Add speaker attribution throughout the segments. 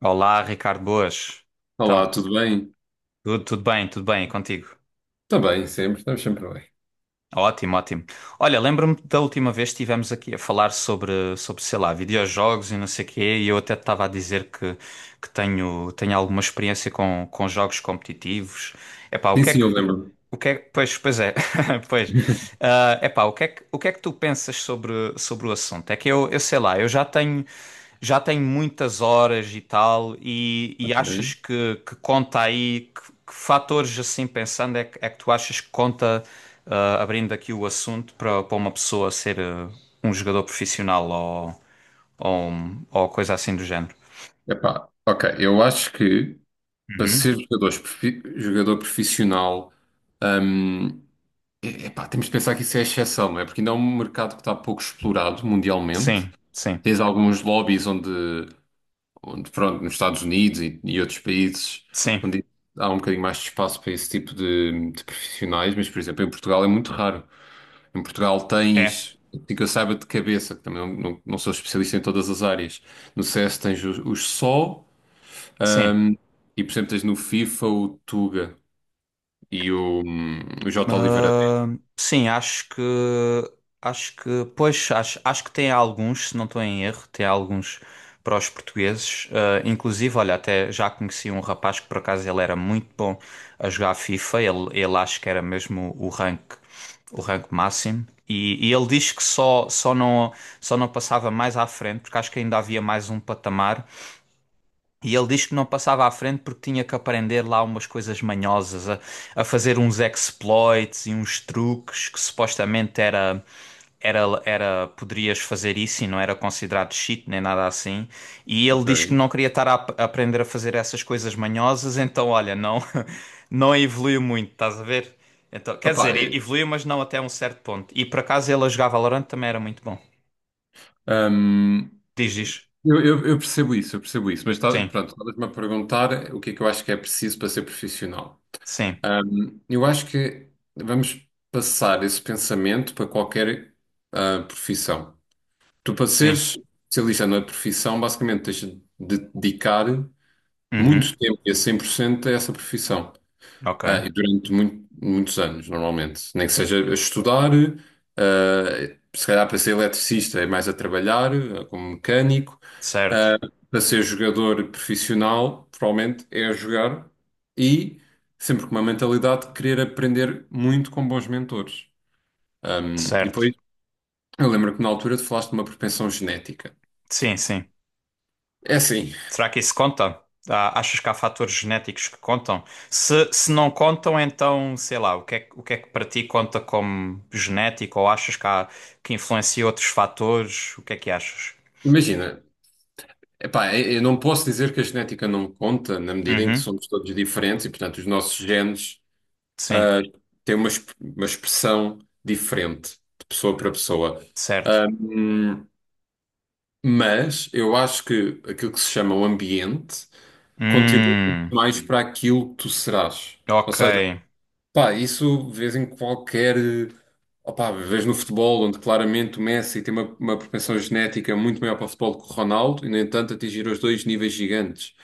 Speaker 1: Olá, Ricardo, boas. Então,
Speaker 2: Olá, tudo bem?
Speaker 1: tudo bem, e contigo?
Speaker 2: Está bem, sempre, estamos sempre bem.
Speaker 1: Ótimo, ótimo. Olha, lembro-me da última vez que estivemos aqui a falar sobre, sei lá, videojogos e não sei o quê, e eu até te estava a dizer que, que tenho alguma experiência com jogos competitivos. Epá, o
Speaker 2: Sim,
Speaker 1: que é
Speaker 2: sim,
Speaker 1: que...
Speaker 2: eu
Speaker 1: O,
Speaker 2: lembro-me.
Speaker 1: o que é que... Pois, pois é, pois. O que é que, o que é que tu pensas sobre o assunto? É que eu sei lá, eu já tenho muitas horas e tal, e achas
Speaker 2: Ok.
Speaker 1: que conta aí, que fatores assim pensando é que tu achas que conta, abrindo aqui o assunto, para uma pessoa ser um jogador profissional ou, ou coisa assim do género?
Speaker 2: Ok, eu acho que para
Speaker 1: Uhum.
Speaker 2: ser jogador profissional, hum, epá, temos de pensar que isso é exceção, não é? Porque ainda é um mercado que está pouco explorado mundialmente.
Speaker 1: Sim, sim,
Speaker 2: Tens alguns lobbies onde pronto, nos Estados Unidos e outros países,
Speaker 1: sim,
Speaker 2: onde há um bocadinho mais de espaço para esse tipo de profissionais, mas, por exemplo, em Portugal é muito raro. Em Portugal
Speaker 1: é,
Speaker 2: tens, assim que eu saiba de cabeça, que também não sou especialista em todas as áreas. No CS tens os SO,
Speaker 1: sim.
Speaker 2: ahm, e por exemplo tens no FIFA o Tuga e o J. Oliveira D.
Speaker 1: Ah, sim, acho que acho que tem alguns, se não estou em erro, tem alguns para os portugueses. Ah, inclusive, olha, até já conheci um rapaz que por acaso ele era muito bom a jogar FIFA. Ele acho que era mesmo o rank máximo. E ele diz que só não passava mais à frente porque acho que ainda havia mais um patamar e ele diz que não passava à frente porque tinha que aprender lá umas coisas manhosas, a fazer uns exploits e uns truques que supostamente era, poderias fazer isso e não era considerado cheat nem nada assim. E ele
Speaker 2: Ok.
Speaker 1: diz que não queria estar a aprender a fazer essas coisas manhosas, então olha, não, não evoluiu muito, estás a ver? Então, quer
Speaker 2: Opa,
Speaker 1: dizer,
Speaker 2: eh,
Speaker 1: evoluiu, mas não até um certo ponto. E por acaso ele a jogar Valorant também era muito bom.
Speaker 2: ahm,
Speaker 1: Diz isso.
Speaker 2: eu percebo isso, mas tá,
Speaker 1: Sim,
Speaker 2: pronto, estavas-me a perguntar o que é que eu acho que é preciso para ser profissional.
Speaker 1: sim,
Speaker 2: Eu acho que vamos passar esse pensamento para qualquer profissão. Tu, para
Speaker 1: sim.
Speaker 2: seres especialista na profissão, basicamente tens de dedicar
Speaker 1: Uhum,
Speaker 2: muito tempo e a 100% a essa profissão.
Speaker 1: ok,
Speaker 2: Ah, e durante muitos anos, normalmente. Nem que seja a estudar, ah, se calhar para ser eletricista é mais a trabalhar, ah, como mecânico.
Speaker 1: certo.
Speaker 2: Ah, para ser jogador profissional, provavelmente é a jogar e sempre com uma mentalidade de querer aprender muito com bons mentores. Ah, e
Speaker 1: Certo.
Speaker 2: depois, eu lembro que na altura tu falaste de uma propensão genética.
Speaker 1: Sim, sim.
Speaker 2: É assim,
Speaker 1: Será que isso conta? Ah, achas que há fatores genéticos que contam? Se não contam, então, sei lá, o que é, o que é que para ti conta como genético? Ou achas que há, que influencia outros fatores? O que é que achas?
Speaker 2: imagina, epá, eu não posso dizer que a genética não conta, na medida em que
Speaker 1: Uhum.
Speaker 2: somos todos diferentes e, portanto, os nossos genes
Speaker 1: Sim,
Speaker 2: ah, têm uma expressão diferente de pessoa para pessoa.
Speaker 1: certo.
Speaker 2: Ahm, mas eu acho que aquilo que se chama o ambiente contribui muito
Speaker 1: Hum,
Speaker 2: mais para aquilo que tu serás. Ou
Speaker 1: ok.
Speaker 2: seja, pá, isso vês em qualquer. Opá, vês no futebol, onde claramente o Messi tem uma propensão genética muito maior para o futebol que o Ronaldo, e no entanto atingiram os dois níveis gigantes.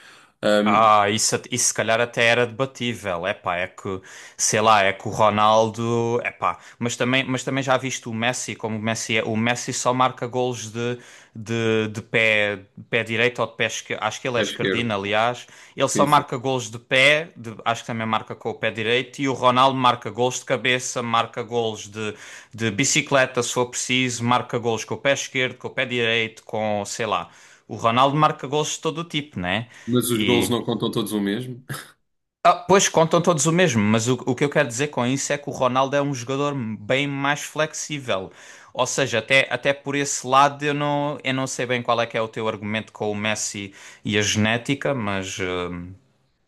Speaker 2: Ahm,
Speaker 1: Ah, isso, isso se calhar até era debatível. Epá, é que, sei lá, é que o Ronaldo, epá, mas também já viste o Messi, como o Messi é, o Messi só marca golos de pé direito ou de pé esquerdo, acho que ele é
Speaker 2: É
Speaker 1: esquerdino,
Speaker 2: esquerdo.
Speaker 1: aliás, ele só
Speaker 2: Sim, sim.
Speaker 1: marca golos de pé, acho que também marca com o pé direito, e o Ronaldo marca golos de cabeça, marca golos de bicicleta, se for preciso, marca golos com o pé esquerdo, com o pé direito, com, sei lá, o Ronaldo marca golos de todo o tipo, né?
Speaker 2: Mas os golos
Speaker 1: E
Speaker 2: não contam todos o mesmo.
Speaker 1: pois contam todos o mesmo, mas o que eu quero dizer com isso é que o Ronaldo é um jogador bem mais flexível. Ou seja, até por esse lado eu não sei bem qual é que é o teu argumento com o Messi e a genética, mas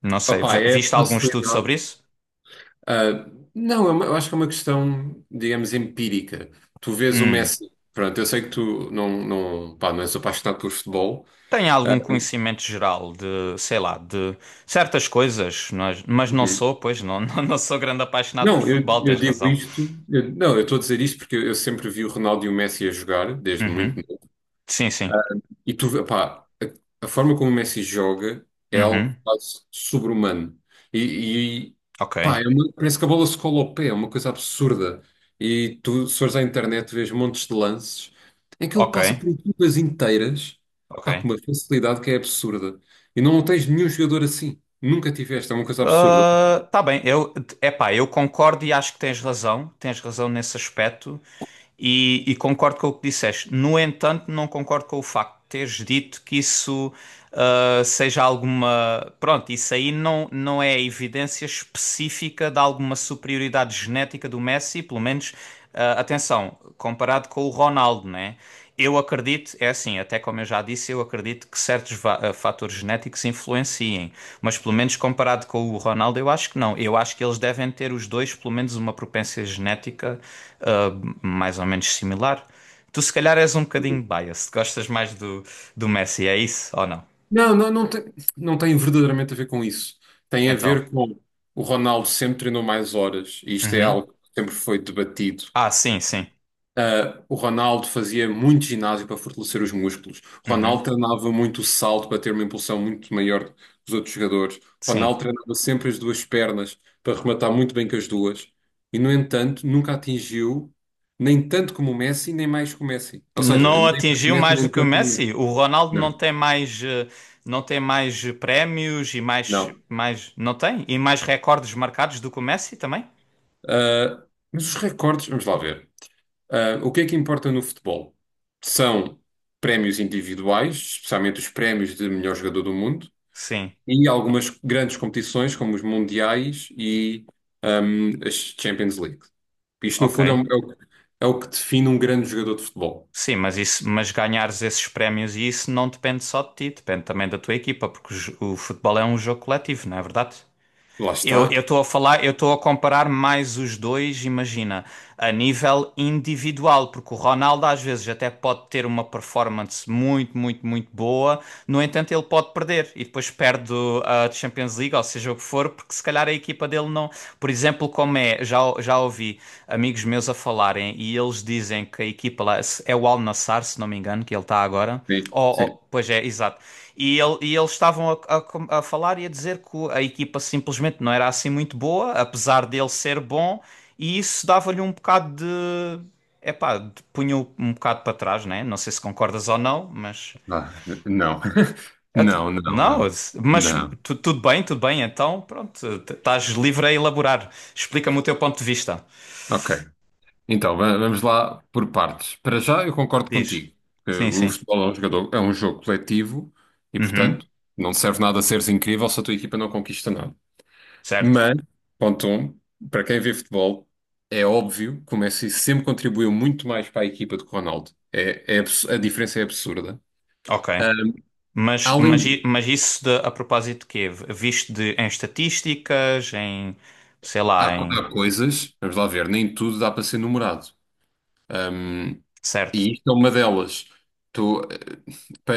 Speaker 1: não sei.
Speaker 2: Opá, é
Speaker 1: Viste algum estudo
Speaker 2: facilidade.
Speaker 1: sobre isso?
Speaker 2: Ah, não, eu acho que é uma questão, digamos, empírica. Tu vês o
Speaker 1: Hum.
Speaker 2: Messi. Pronto, eu sei que tu não, pá, não és apaixonado por futebol.
Speaker 1: Tenho
Speaker 2: Ah,
Speaker 1: algum conhecimento geral de, sei lá, de certas coisas, mas não
Speaker 2: uhum.
Speaker 1: sou, pois não, não, não sou grande apaixonado por
Speaker 2: Não, eu,
Speaker 1: futebol,
Speaker 2: eu
Speaker 1: tens
Speaker 2: digo
Speaker 1: razão.
Speaker 2: isto, não, eu estou a dizer isto porque eu sempre vi o Ronaldo e o Messi a jogar, desde muito.
Speaker 1: Uhum. Sim, sim.
Speaker 2: E tu, pá, a forma como o Messi joga é
Speaker 1: Uhum.
Speaker 2: algo quase sobre-humano. E, e, pá,
Speaker 1: Ok.
Speaker 2: parece que a bola se cola ao pé, é uma coisa absurda. E tu, se fores à internet, vês montes de lances em que ele
Speaker 1: Ok.
Speaker 2: passa por equipas inteiras, pá, com
Speaker 1: Ok.
Speaker 2: uma facilidade que é absurda. E não tens nenhum jogador assim. Nunca tiveste, é uma coisa absurda.
Speaker 1: Ah, tá bem, eu, epá, eu concordo e acho que tens razão nesse aspecto. E concordo com o que disseste. No entanto, não concordo com o facto de teres dito que isso seja alguma. Pronto, isso aí não, não é evidência específica de alguma superioridade genética do Messi, pelo menos, ah, atenção, comparado com o Ronaldo, né? Eu acredito, é assim, até como eu já disse, eu acredito que certos fatores genéticos influenciem, mas pelo menos comparado com o Ronaldo, eu acho que não. Eu acho que eles devem ter os dois, pelo menos, uma propensão genética mais ou menos similar. Tu se calhar és um bocadinho biased, gostas mais do, do Messi, é isso ou não?
Speaker 2: Não tem, não tem verdadeiramente a ver com isso. Tem a
Speaker 1: Então.
Speaker 2: ver com o Ronaldo sempre treinou mais horas, e isto é
Speaker 1: Uhum.
Speaker 2: algo que sempre foi debatido.
Speaker 1: Ah, sim, sim.
Speaker 2: Ah, o Ronaldo fazia muito ginásio para fortalecer os músculos. O
Speaker 1: Uhum.
Speaker 2: Ronaldo treinava muito o salto para ter uma impulsão muito maior que os outros jogadores. O
Speaker 1: Sim.
Speaker 2: Ronaldo treinava sempre as duas pernas para rematar muito bem com as duas. E, no entanto, nunca atingiu nem tanto como o Messi, nem mais que o Messi. Ou seja,
Speaker 1: Não
Speaker 2: nem tanto como o
Speaker 1: atingiu
Speaker 2: Messi,
Speaker 1: mais do
Speaker 2: nem
Speaker 1: que o
Speaker 2: tanto como o Messi.
Speaker 1: Messi? O Ronaldo não
Speaker 2: Não,
Speaker 1: tem mais, não tem mais prémios e mais,
Speaker 2: não.
Speaker 1: mais, não tem? E mais recordes marcados do que o Messi também?
Speaker 2: Ah, mas os recordes, vamos lá ver. Ah, o que é que importa no futebol? São prémios individuais, especialmente os prémios de melhor jogador do mundo,
Speaker 1: Sim.
Speaker 2: e algumas grandes competições, como os Mundiais e as Champions League. Isto, no
Speaker 1: Ok.
Speaker 2: fundo, é o que define um grande jogador de futebol.
Speaker 1: Sim, mas isso, mas ganhares esses prémios e isso não depende só de ti, depende também da tua equipa, porque o o futebol é um jogo coletivo, não é verdade?
Speaker 2: Lá
Speaker 1: Eu
Speaker 2: está.
Speaker 1: estou a falar, eu estou a comparar mais os dois, imagina, a nível individual, porque o Ronaldo às vezes até pode ter uma performance muito, muito, muito boa, no entanto ele pode perder e depois perde a Champions League, ou seja o que for, porque se calhar a equipa dele não, por exemplo, como é, já já ouvi amigos meus a falarem e eles dizem que a equipa lá é o Al Nassr, se não me engano, que ele está agora.
Speaker 2: Sim, sim.
Speaker 1: Pois é, exato. E, e eles estavam a falar e a dizer que a equipa simplesmente não era assim muito boa, apesar dele ser bom, e isso dava-lhe um bocado de. Epá, punha-o um bocado para trás, né? Não sei se concordas ou não, mas.
Speaker 2: Ah, não. Não, não,
Speaker 1: Não,
Speaker 2: não.
Speaker 1: mas
Speaker 2: Não.
Speaker 1: tudo bem, então pronto, estás livre a elaborar. Explica-me o teu ponto de vista.
Speaker 2: Ok. Então, vamos lá por partes. Para já, eu concordo
Speaker 1: Diz.
Speaker 2: contigo. Que
Speaker 1: Sim,
Speaker 2: O
Speaker 1: sim.
Speaker 2: futebol é um jogador- é um jogo coletivo e,
Speaker 1: Uhum.
Speaker 2: portanto, não serve nada seres incrível se a tua equipa não conquista nada.
Speaker 1: Certo.
Speaker 2: Mas, ponto um, para quem vê futebol, é óbvio que o Messi sempre contribuiu muito mais para a equipa do que o Ronaldo. A diferença é absurda.
Speaker 1: Ok. Mas,
Speaker 2: Além,
Speaker 1: mas isso de, a propósito de quê? Visto de, em estatísticas, em, sei lá, em...
Speaker 2: há coisas, vamos lá ver, nem tudo dá para ser numerado. Um,
Speaker 1: Certo.
Speaker 2: e isto é uma delas. Tu, eh, pa-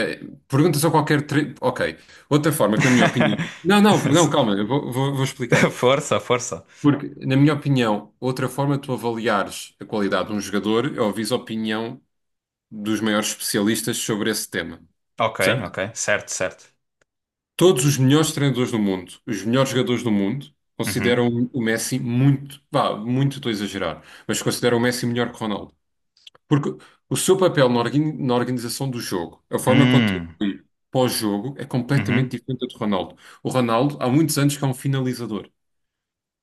Speaker 2: perguntas a qualquer. Ok. Outra forma que, na minha opinião. Não, não, não, calma, vou explicar.
Speaker 1: Força, força.
Speaker 2: Porque, na minha opinião, outra forma de tu avaliares a qualidade de um jogador é ouvir a opinião dos maiores especialistas sobre esse tema.
Speaker 1: Ok,
Speaker 2: Certo?
Speaker 1: ok. Certo, certo.
Speaker 2: Todos os melhores treinadores do mundo, os melhores jogadores do mundo,
Speaker 1: Uhum.
Speaker 2: consideram o Messi muito. Vá, muito estou a exagerar, mas consideram o Messi melhor que Ronaldo. Porque o seu papel na na organização do jogo, a forma como
Speaker 1: Hum.
Speaker 2: contribui pós-jogo, é completamente
Speaker 1: Uhum.
Speaker 2: diferente do de Ronaldo. O Ronaldo, há muitos anos que é um finalizador.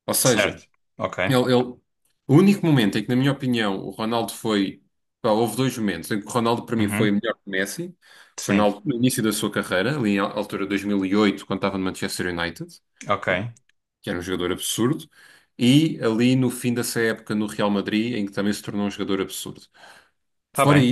Speaker 2: Ou
Speaker 1: Certo.
Speaker 2: seja,
Speaker 1: Ok.
Speaker 2: ele, ele- o único momento em que, na minha opinião, o Ronaldo foi. Pá, houve dois momentos em que o Ronaldo, para mim, foi
Speaker 1: Uhum.
Speaker 2: melhor que o Messi. Foi
Speaker 1: Sim.
Speaker 2: no início da sua carreira, ali na altura de 2008, quando estava no Manchester United,
Speaker 1: Ok.
Speaker 2: que era um jogador absurdo. E ali no fim dessa época no Real Madrid, em que também se tornou um jogador absurdo.
Speaker 1: Tá
Speaker 2: Fora,
Speaker 1: bem.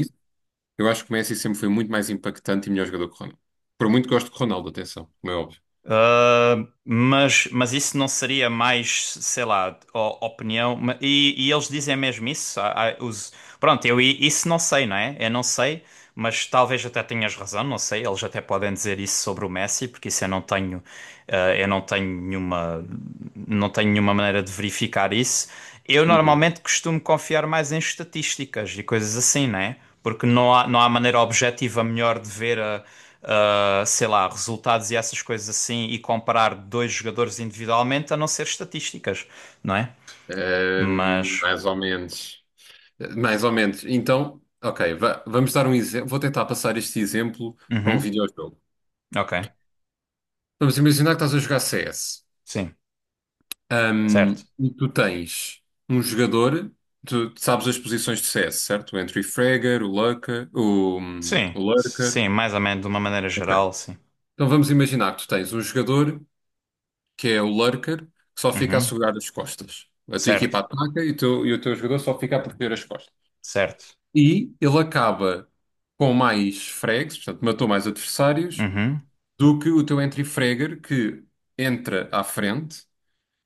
Speaker 2: eu acho que o Messi sempre foi muito mais impactante e melhor jogador que o Ronaldo. Por muito que gosto de Ronaldo, atenção, como é óbvio.
Speaker 1: Mas isso não seria mais, sei lá, opinião. E eles dizem mesmo isso. Há pronto, eu isso não sei, não é? Eu não sei, mas talvez até tenhas razão, não sei. Eles até podem dizer isso sobre o Messi, porque isso eu não tenho nenhuma, não tenho nenhuma maneira de verificar isso. Eu
Speaker 2: Uhum.
Speaker 1: normalmente costumo confiar mais em estatísticas e coisas assim, não é? Porque não há, não há maneira objetiva melhor de ver sei lá, resultados e essas coisas assim e comparar dois jogadores individualmente, a não ser estatísticas, não é? Mas,
Speaker 2: Mais ou menos. Mais ou menos. Então, ok, vamos dar um exemplo. Vou tentar passar este exemplo para um
Speaker 1: uhum,
Speaker 2: videojogo.
Speaker 1: ok,
Speaker 2: Vamos imaginar que estás a jogar CS.
Speaker 1: sim, certo.
Speaker 2: E tu tens um jogador, tu sabes as posições de CS, certo? O Entry Fragger, o Lurker,
Speaker 1: Sim,
Speaker 2: o Lurker.
Speaker 1: sim, mais ou menos de uma maneira
Speaker 2: Ok.
Speaker 1: geral, sim.
Speaker 2: Então vamos imaginar que tu tens um jogador que é o lurker, que só fica a
Speaker 1: Uhum,
Speaker 2: segurar as costas. A tua equipa
Speaker 1: certo,
Speaker 2: ataca e e o teu jogador só fica a proteger as costas.
Speaker 1: certo.
Speaker 2: E ele acaba com mais frags, portanto, matou mais adversários,
Speaker 1: Uhum.
Speaker 2: do que o teu entry fragger, que entra à frente,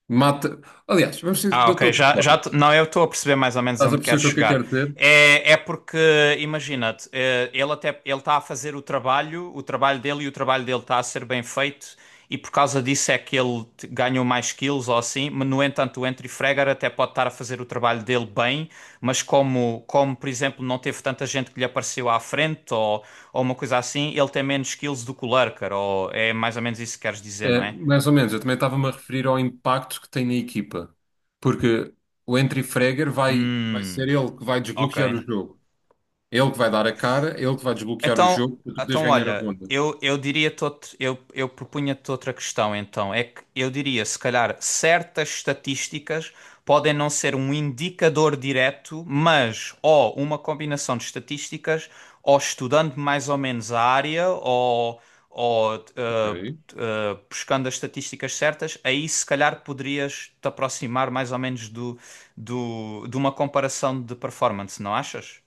Speaker 2: mata. Aliás, vamos dizer
Speaker 1: Ah,
Speaker 2: de outra
Speaker 1: ok. Já,
Speaker 2: forma.
Speaker 1: não, eu estou a perceber mais ou menos
Speaker 2: Estás a
Speaker 1: onde queres
Speaker 2: perceber o que é que eu
Speaker 1: chegar.
Speaker 2: quero dizer?
Speaker 1: É, é porque, imagina-te, ele até ele está a fazer o trabalho dele e o trabalho dele está a ser bem feito, e por causa disso é que ele ganhou mais kills ou assim. Mas, no entanto, o Entry Fragger até pode estar a fazer o trabalho dele bem, mas como, como por exemplo, não teve tanta gente que lhe apareceu à frente ou uma coisa assim, ele tem menos kills do que o Lurker, ou é mais ou menos isso que queres dizer, não
Speaker 2: É,
Speaker 1: é?
Speaker 2: mais ou menos, eu também estava-me a referir ao impacto que tem na equipa, porque o entry fragger vai ser
Speaker 1: Hum,
Speaker 2: ele que vai
Speaker 1: ok.
Speaker 2: desbloquear o jogo. É ele que vai dar a cara, é ele que vai desbloquear o
Speaker 1: Então,
Speaker 2: jogo para tu poderes
Speaker 1: então
Speaker 2: ganhar a
Speaker 1: olha,
Speaker 2: ronda.
Speaker 1: eu eu propunha-te outra questão, então. É que eu diria, se calhar, certas estatísticas podem não ser um indicador direto, mas ou uma combinação de estatísticas, ou estudando mais ou menos a área, ou
Speaker 2: Ok.
Speaker 1: buscando as estatísticas certas, aí se calhar poderias te aproximar mais ou menos do, do, de uma comparação de performance, não achas?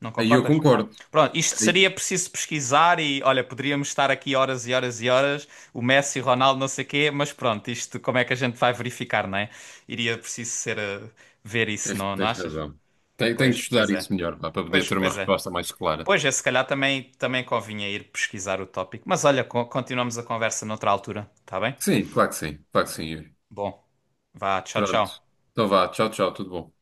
Speaker 1: Não
Speaker 2: Aí eu
Speaker 1: concordas?
Speaker 2: concordo.
Speaker 1: Pronto, isto
Speaker 2: Aí
Speaker 1: seria preciso pesquisar e, olha, poderíamos estar aqui horas e horas e horas, o Messi, o Ronaldo, não sei o quê, mas pronto, isto como é que a gente vai verificar, não é? Iria preciso ser ver isso, não, não
Speaker 2: tens
Speaker 1: achas?
Speaker 2: razão. Tenho de
Speaker 1: Pois, pois
Speaker 2: estudar
Speaker 1: é.
Speaker 2: isso melhor, pá, para poder
Speaker 1: Pois,
Speaker 2: ter uma
Speaker 1: pois é.
Speaker 2: resposta mais clara.
Speaker 1: Pois é, se calhar também, também convinha ir pesquisar o tópico. Mas olha, continuamos a conversa noutra altura, tá bem?
Speaker 2: Sim, claro que sim. Claro que sim, Yuri.
Speaker 1: Bom, vá, tchau,
Speaker 2: Pronto.
Speaker 1: tchau.
Speaker 2: Então vá. Tchau, tchau. Tudo bom.